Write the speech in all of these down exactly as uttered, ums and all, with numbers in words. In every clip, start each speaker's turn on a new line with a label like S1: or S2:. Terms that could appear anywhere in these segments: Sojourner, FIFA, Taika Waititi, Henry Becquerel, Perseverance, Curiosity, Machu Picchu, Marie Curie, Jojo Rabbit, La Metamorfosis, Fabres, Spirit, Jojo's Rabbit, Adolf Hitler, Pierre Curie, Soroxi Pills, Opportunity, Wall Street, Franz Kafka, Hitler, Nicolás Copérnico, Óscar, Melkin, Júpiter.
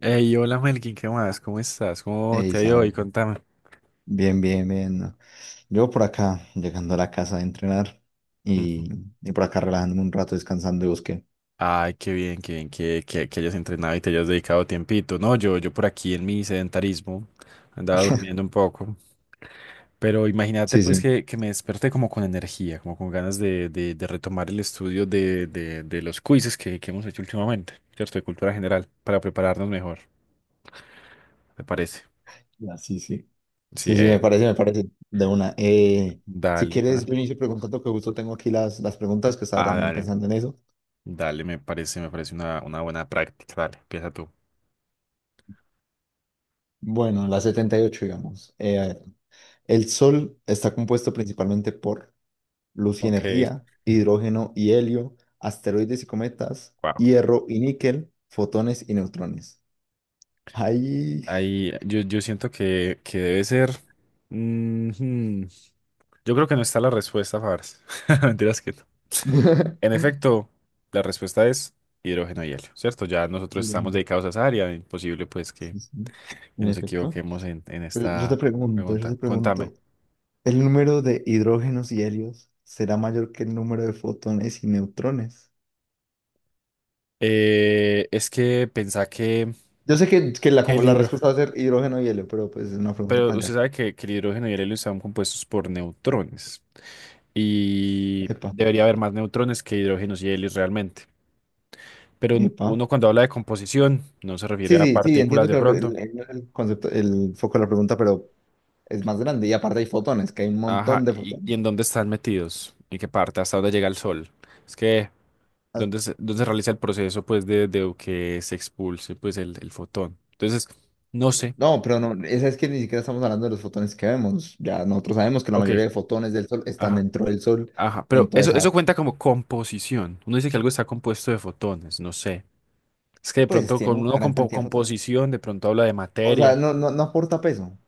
S1: Hey, hola Melkin, ¿qué más? ¿Cómo estás? ¿Cómo
S2: Ey,
S1: te ha ido hoy?
S2: Sam,
S1: Contame.
S2: bien, bien, bien, ¿no? Yo por acá, llegando a la casa de entrenar
S1: Ujú.
S2: y, y por acá relajándome un rato, descansando y busqué.
S1: Ay, qué bien, qué bien que, que, que hayas entrenado y te hayas dedicado tiempito. No, yo, yo por aquí en mi sedentarismo andaba durmiendo un poco, pero imagínate
S2: Sí,
S1: pues
S2: sí.
S1: que, que me desperté como con energía, como con ganas de, de, de retomar el estudio de, de, de los quizzes que, que hemos hecho últimamente, ¿cierto? De cultura general, para prepararnos mejor, ¿te parece?
S2: Ya, sí, sí.
S1: Sí,
S2: Sí, sí, me
S1: eh,
S2: parece, me parece. De una. Eh, si
S1: dale,
S2: quieres,
S1: para.
S2: yo inicio preguntando que justo tengo aquí las, las preguntas que estaba
S1: Ah,
S2: también
S1: dale.
S2: pensando en eso.
S1: Dale, me parece, me parece una, una buena práctica. Dale, empieza tú.
S2: Bueno, las setenta y ocho, digamos. Eh, a ver, el Sol está compuesto principalmente por luz y
S1: Ok.
S2: energía, hidrógeno y helio, asteroides y cometas,
S1: Wow.
S2: hierro y níquel, fotones y neutrones. Ahí.
S1: Ahí yo, yo siento que, que debe ser. Ujú. Yo creo que no está la respuesta, Fabres. Mentiras que no. En efecto, la respuesta es hidrógeno y helio, ¿cierto? Ya nosotros
S2: El
S1: estamos
S2: número,
S1: dedicados a esa área, imposible pues que,
S2: sí, sí,
S1: que
S2: en
S1: nos
S2: efecto.
S1: equivoquemos en, en
S2: Pero yo te
S1: esta
S2: pregunto, yo te
S1: pregunta. Contame.
S2: pregunto, ¿el número de hidrógenos y helios será mayor que el número de fotones y neutrones?
S1: Eh, es que pensá que,
S2: Yo sé que, que la,
S1: que
S2: como
S1: el
S2: la
S1: hidrógeno,
S2: respuesta va a ser hidrógeno y helio, pero pues es una pregunta más
S1: pero usted
S2: allá.
S1: sabe que, que el hidrógeno y el helio están compuestos por neutrones y
S2: Epa,
S1: debería haber más neutrones que hidrógenos y helios realmente. Pero un-
S2: epa.
S1: uno cuando habla de composición no se refiere
S2: Sí,
S1: a
S2: sí, sí,
S1: partículas
S2: entiendo
S1: de
S2: que la pre-
S1: pronto.
S2: el, el- el concepto, el foco de la pregunta, pero es más grande. Y aparte hay fotones, que hay un
S1: Ajá,
S2: montón de
S1: ¿y,
S2: fotones.
S1: y en dónde están metidos? ¿En qué parte? ¿Hasta dónde llega el sol? Es que, ¿dónde se, dónde se realiza el proceso pues de, de que se expulse pues el, el fotón? Entonces, no sé.
S2: No, pero no, esa es que ni siquiera estamos hablando de los fotones que vemos. Ya nosotros sabemos que la
S1: Ok,
S2: mayoría de fotones del Sol están
S1: ajá,
S2: dentro del Sol,
S1: ajá. Pero
S2: entonces
S1: eso, eso
S2: ah,
S1: cuenta como composición. Uno dice que algo está compuesto de fotones, no sé. Es que de
S2: pues
S1: pronto
S2: tiene
S1: con
S2: una
S1: uno
S2: gran
S1: compo-
S2: cantidad de fotones.
S1: composición, de pronto habla de
S2: O sea,
S1: materia.
S2: no, no, no aporta peso,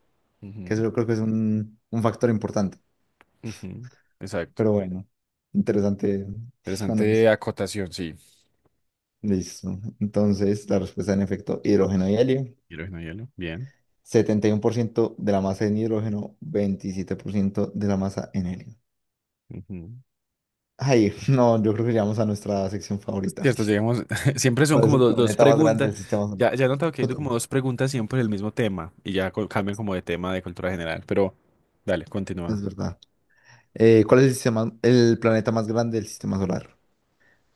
S2: que eso
S1: Ujú,
S2: yo creo que es un, un factor importante.
S1: ujú. Exacto.
S2: Pero bueno, interesante
S1: Interesante
S2: análisis.
S1: acotación, sí.
S2: Listo. Entonces, la respuesta en efecto, hidrógeno y helio.
S1: Hidrógeno, hielo, bien.
S2: setenta y uno por ciento de la masa en hidrógeno, veintisiete por ciento de la masa en helio.
S1: Ujú.
S2: Ay, no, yo creo que llegamos a nuestra sección favorita.
S1: Cierto, llegamos, siempre son
S2: ¿Cuál es
S1: como
S2: el
S1: dos, dos
S2: planeta más grande
S1: preguntas.
S2: del sistema solar?
S1: Ya, ya he notado que hay como
S2: Cotón,
S1: dos preguntas siempre del mismo tema y ya co- cambian como de tema de cultura general, pero dale, continúa.
S2: es verdad. Eh, ¿cuál es el sistema, el planeta más grande del sistema solar?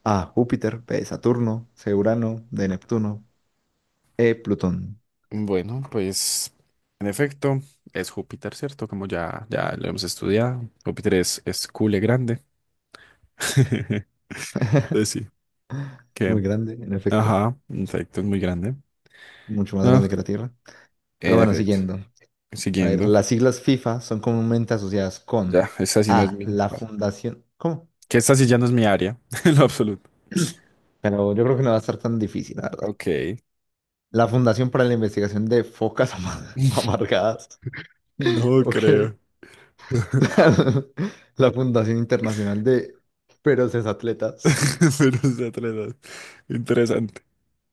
S2: A. Júpiter. B. Saturno. C. Urano. D. Neptuno. E. Plutón.
S1: Bueno, pues en efecto es Júpiter, ¿cierto? Como ya, ya lo hemos estudiado. Júpiter es, es cule grande. Pues sí. Que,
S2: Muy grande, en efecto.
S1: ajá, en efecto, es muy grande.
S2: Mucho más
S1: Ah,
S2: grande que la Tierra. Pero
S1: en
S2: bueno,
S1: efecto,
S2: siguiendo. A ver,
S1: siguiendo.
S2: las siglas FIFA son comúnmente asociadas con
S1: Ya, esta sí no es
S2: A.
S1: mi.
S2: La
S1: Bueno,
S2: Fundación. ¿Cómo?
S1: que esta sí ya no es mi área, en lo absoluto.
S2: Pero yo creo que no va a estar tan difícil, la verdad.
S1: Ok.
S2: La Fundación para la Investigación de Focas Ama- Amargadas.
S1: No
S2: Ok.
S1: creo.
S2: La Fundación Internacional de Feroces Atletas.
S1: Menos de tres horas. Interesante.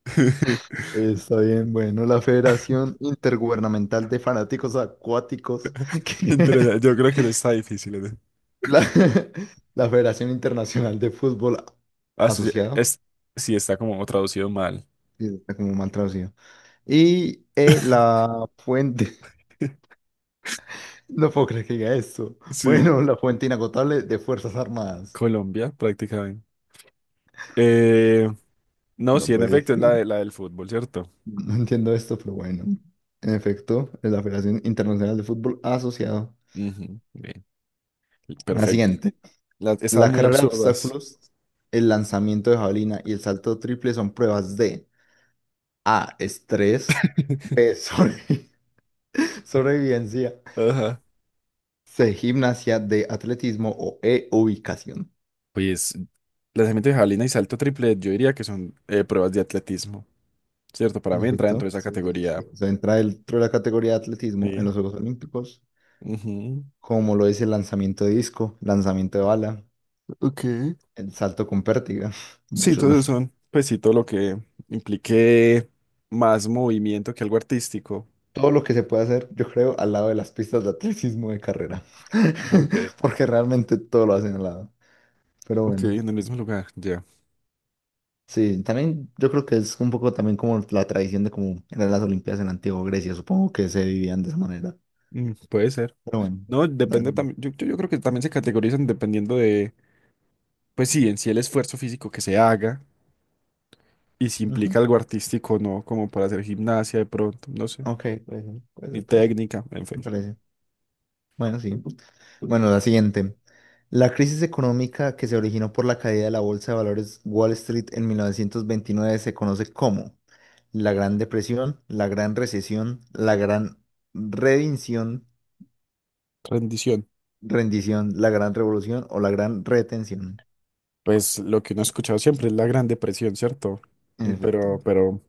S2: Está bien, bueno, la Federación Intergubernamental de Fanáticos Acuáticos. que-
S1: Interesante. Yo creo que no está difícil. ¿Eh?
S2: La, la Federación Internacional de Fútbol
S1: Ah, eso sí,
S2: Asociado.
S1: es, sí, está como traducido mal.
S2: Sí, está como mal traducido. Y eh, la fuente. No puedo creer que diga esto.
S1: Sí,
S2: Bueno, la fuente inagotable de Fuerzas Armadas.
S1: Colombia, prácticamente. Eh, no,
S2: No
S1: sí, en
S2: puede
S1: efecto, es
S2: ser.
S1: la, de- la del fútbol, ¿cierto?
S2: No entiendo esto, pero bueno. En efecto, es la Federación Internacional de Fútbol Asociado.
S1: Ujú, bien,
S2: La
S1: perfecto.
S2: siguiente.
S1: Las, estaban
S2: La
S1: muy
S2: carrera de
S1: absurdas.
S2: obstáculos, el lanzamiento de jabalina y el salto triple son pruebas de A. Estrés. B. sobre- sobrevivencia.
S1: Ajá.
S2: C. Gimnasia. D. Atletismo. O E. Ubicación.
S1: Pues, lanzamiento de jabalina y salto triple, yo diría que son eh, pruebas de atletismo, ¿cierto? Para mí entra
S2: Perfecto.
S1: dentro de esa
S2: Sí, sí, sí.
S1: categoría.
S2: O sea, entra dentro de la categoría de atletismo en
S1: Sí.
S2: los Juegos Olímpicos,
S1: Ujú.
S2: como lo es el lanzamiento de disco, lanzamiento de bala,
S1: Ok.
S2: el salto con pértiga,
S1: Sí,
S2: muchos
S1: entonces son, pues sí, todo lo que implique más movimiento que algo artístico.
S2: todo lo que se puede hacer, yo creo, al lado de las pistas de atletismo de carrera.
S1: Okay.
S2: Porque realmente todo lo hacen al lado. Pero
S1: Ok,
S2: bueno,
S1: en el mismo lugar, ya.
S2: sí, también yo creo que es un poco también como la tradición de cómo eran las Olimpiadas en la antigua Grecia. Supongo que se vivían de esa manera.
S1: Mm, puede ser.
S2: Pero bueno.
S1: No,
S2: da-
S1: depende también. Yo, yo- yo creo que también se categorizan dependiendo de, pues sí, en sí el esfuerzo físico que se haga y si
S2: Ujú.
S1: implica algo artístico o no, como para hacer gimnasia de pronto, no sé,
S2: Ok, puede ser, puede
S1: ni
S2: ser, puede ser.
S1: técnica, en fin.
S2: Me parece. Bueno, sí. Bueno, la siguiente. La crisis económica que se originó por la caída de la bolsa de valores Wall Street en mil novecientos veintinueve se conoce como la Gran Depresión, la Gran Recesión, la Gran Redinción,
S1: Rendición.
S2: Rendición, la Gran Revolución o la Gran Retención.
S1: Pues lo que uno ha escuchado siempre es la Gran Depresión, ¿cierto?
S2: En
S1: Mm,
S2: efecto.
S1: Pero, pero,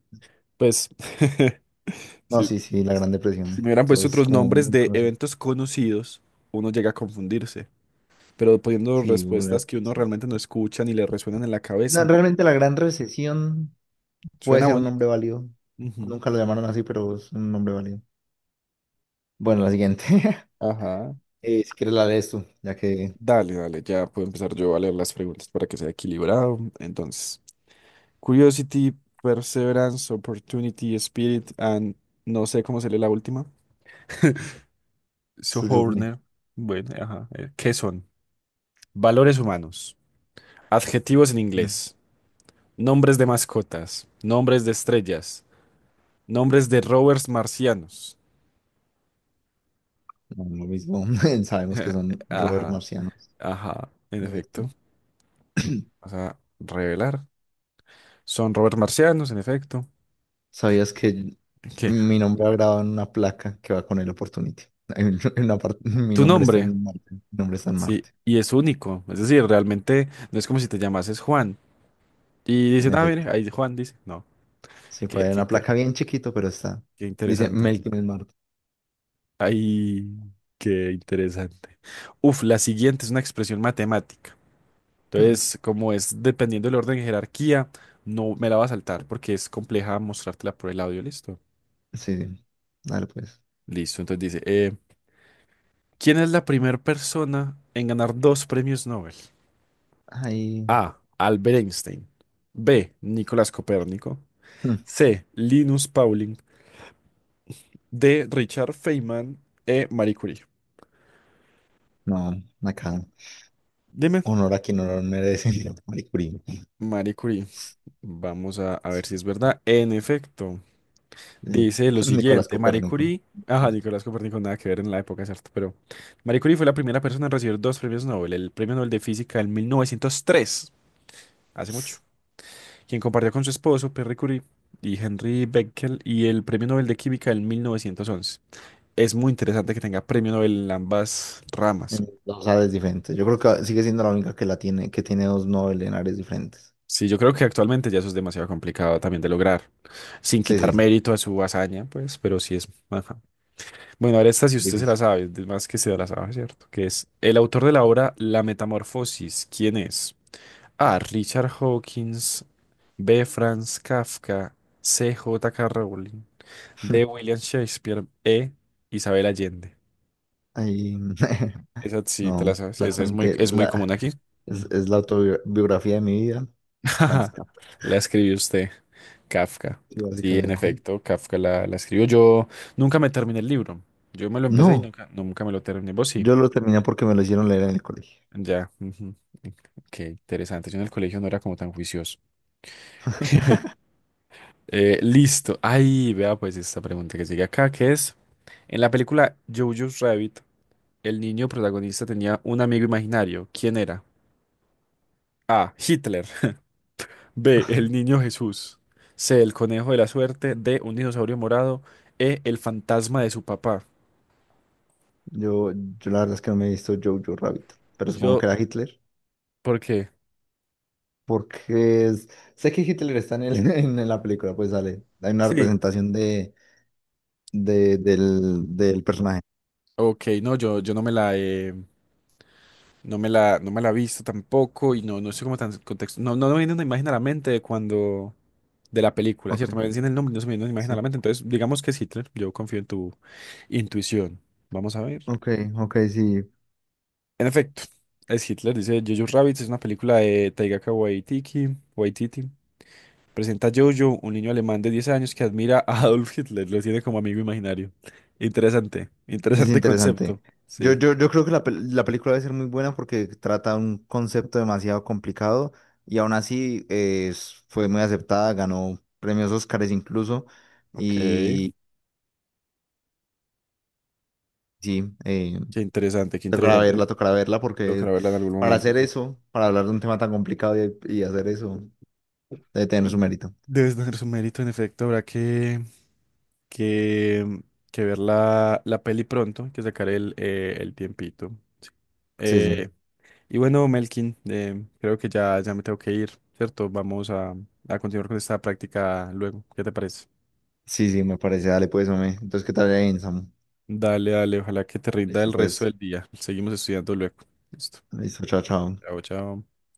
S1: pues.
S2: No, sí,
S1: Sí.
S2: sí, la Gran
S1: Si
S2: Depresión.
S1: me hubieran
S2: Todo
S1: puesto
S2: es
S1: otros
S2: como
S1: nombres
S2: muy
S1: de
S2: conocido.
S1: eventos conocidos, uno llega a confundirse. Pero poniendo
S2: Sí, una-
S1: respuestas que uno
S2: sí.
S1: realmente no escucha ni le resuenan en la
S2: No,
S1: cabeza.
S2: realmente la Gran Recesión puede
S1: Suena
S2: ser un nombre
S1: bonito.
S2: válido.
S1: Ujú.
S2: Nunca lo llamaron así, pero es un nombre válido. Bueno, la siguiente.
S1: Ajá.
S2: Eh, si quieres la lees tú, ya que
S1: Dale, dale, ya puedo empezar yo a leer las preguntas para que sea equilibrado. Entonces, Curiosity, Perseverance, Opportunity, Spirit, and no sé cómo se lee la última.
S2: Suyukne,
S1: Sojourner. Bueno, ajá. eh, ¿Qué son? Valores humanos. Adjetivos en
S2: mm,
S1: inglés. Nombres de mascotas, nombres de estrellas, nombres de rovers marcianos.
S2: no, lo mismo, sabemos que son rovers
S1: Ajá,
S2: marcianos.
S1: ajá, en
S2: En efecto.
S1: efecto. Vas a revelar. Son rovers marcianos, en efecto.
S2: ¿Sabías que
S1: ¿Qué?
S2: mi nombre ha grabado en una placa que va con el Opportunity? En una parte, mi
S1: Tu
S2: nombre está
S1: nombre,
S2: en Marte, mi nombre está en
S1: sí,
S2: Marte,
S1: y es único. Es decir, realmente no es como si te llamases Juan. Y
S2: en
S1: dicen, ah, mire,
S2: efecto.
S1: ahí Juan dice. No,
S2: Sí, por
S1: qué,
S2: ahí hay
S1: qué,
S2: una
S1: inte-
S2: placa bien chiquito, pero está.
S1: qué
S2: Dice
S1: interesante.
S2: Melkin en Marte.
S1: Ay, qué interesante. Uf, la siguiente es una expresión matemática.
S2: Mm,
S1: Entonces, como es dependiendo del orden de jerarquía, no me la va a saltar porque es compleja mostrártela por el audio, ¿listo?
S2: sí, sí. Dale pues.
S1: Listo, entonces dice, eh, ¿quién es la primera persona en ganar dos premios Nobel?
S2: Ahí,
S1: A. Albert Einstein. B. Nicolás Copérnico.
S2: mm,
S1: C. Linus Pauling. D. Richard Feynman. E. Marie Curie.
S2: no, acá.
S1: Dime,
S2: Honor a quien honor merece, Marie Curie.
S1: Marie Curie. Vamos a, a ver si
S2: Sí,
S1: es verdad. En efecto,
S2: sí.
S1: dice lo
S2: Nicolás
S1: siguiente, Marie
S2: Copérnico.
S1: Curie, ajá, Nicolás Copérnico nada que ver en la época, ¿cierto? Pero Marie Curie fue la primera persona en recibir dos premios Nobel, el Premio Nobel de Física en mil novecientos tres, hace mucho, quien compartió con su esposo, Pierre Curie, y Henry Becquerel, y el Premio Nobel de Química en mil novecientos once. Es muy interesante que tenga premio Nobel en ambas ramas.
S2: En dos Ares diferentes. Yo creo que sigue siendo la única que la tiene, que tiene dos Nobel en áreas diferentes.
S1: Sí, yo creo que actualmente ya eso es demasiado complicado también de lograr, sin
S2: Sí,
S1: quitar
S2: sí,
S1: mérito a su hazaña, pues, pero sí es más. Bueno, ahora esta si usted se la
S2: difícil.
S1: sabe, es más que se la sabe, ¿cierto? Que es el autor de la obra La Metamorfosis. ¿Quién es? A. Richard Hawkins. B. Franz Kafka. C. J K. Rowling. D. William Shakespeare. E. Isabel Allende.
S2: Ahí,
S1: Esa sí te la
S2: no,
S1: sabes. Esa es muy,
S2: claramente
S1: es muy común
S2: la,
S1: aquí.
S2: es,
S1: Mm.
S2: es la autobiografía de mi vida, Franz Kafka,
S1: La escribió usted, Kafka.
S2: sí,
S1: Sí, en
S2: básicamente.
S1: efecto, Kafka la, la escribió. Yo nunca me terminé el libro. Yo me lo empecé y
S2: No,
S1: nunca, nunca me lo terminé. ¿Vos sí?
S2: yo lo terminé porque me lo hicieron leer en el colegio.
S1: Ya, ujú. Qué interesante. Yo en el colegio no era como tan juicioso. Eh, listo. Ay, vea pues esta pregunta que sigue acá, que es, en la película Jojo's Rabbit, el niño protagonista tenía un amigo imaginario. ¿Quién era? A. Hitler. B. El niño Jesús. C. El conejo de la suerte. D. Un dinosaurio morado. E. El fantasma de su papá.
S2: Yo, yo la verdad es que no me he visto Jojo Rabbit, pero supongo
S1: Yo,
S2: que era Hitler,
S1: ¿por qué?
S2: porque es- sé que Hitler está en, el- en la película, pues sale, hay una
S1: Sí.
S2: representación de, de- del, del personaje.
S1: Ok, no, yo, yo no me la he. No me la, no me la he visto tampoco y no, no sé cómo tan contexto. No, no me viene una imagen a la mente de cuando. De la película,
S2: Ok,
S1: ¿cierto? Me decían el nombre, y no se me viene una imagen a la
S2: sí.
S1: mente. Entonces, digamos que es Hitler. Yo confío en tu intuición. Vamos a ver.
S2: Ok, ok, sí.
S1: En efecto, es Hitler. Dice Jojo Rabbit. Es una película de Taika Waititi. Waititi. Presenta a Jojo, un niño alemán de diez años que admira a Adolf Hitler. Lo tiene como amigo imaginario. Interesante.
S2: Es
S1: Interesante
S2: interesante.
S1: concepto.
S2: Yo,
S1: Sí.
S2: yo, yo creo que la, pel- la película debe ser muy buena porque trata un concepto demasiado complicado y aún así eh, es- fue muy aceptada, ganó premios Óscares incluso.
S1: Ok.
S2: Y sí, eh,
S1: Qué interesante, qué
S2: tocará
S1: interesante.
S2: verla, tocará verla
S1: Tocará
S2: porque
S1: verla en algún
S2: para
S1: momento.
S2: hacer
S1: Sí.
S2: eso, para hablar de un tema tan complicado y, y hacer eso, debe tener su mérito.
S1: Debes tener su mérito, en efecto, habrá que, que, que ver la, la peli pronto, hay que sacar el, eh, el tiempito. Sí.
S2: Sí, sí.
S1: Eh, y bueno, Melkin, eh, creo que ya, ya me tengo que ir, ¿cierto? Vamos a, a continuar con esta práctica luego. ¿Qué te parece?
S2: Sí, sí, me parece. Dale, pues, hombre. Entonces, ¿qué tal ahí, Samu?
S1: Dale, dale, ojalá que te rinda el
S2: Listo,
S1: resto
S2: pues.
S1: del día. Seguimos estudiando luego. Listo.
S2: Listo, chao, chao.
S1: Chao, chao.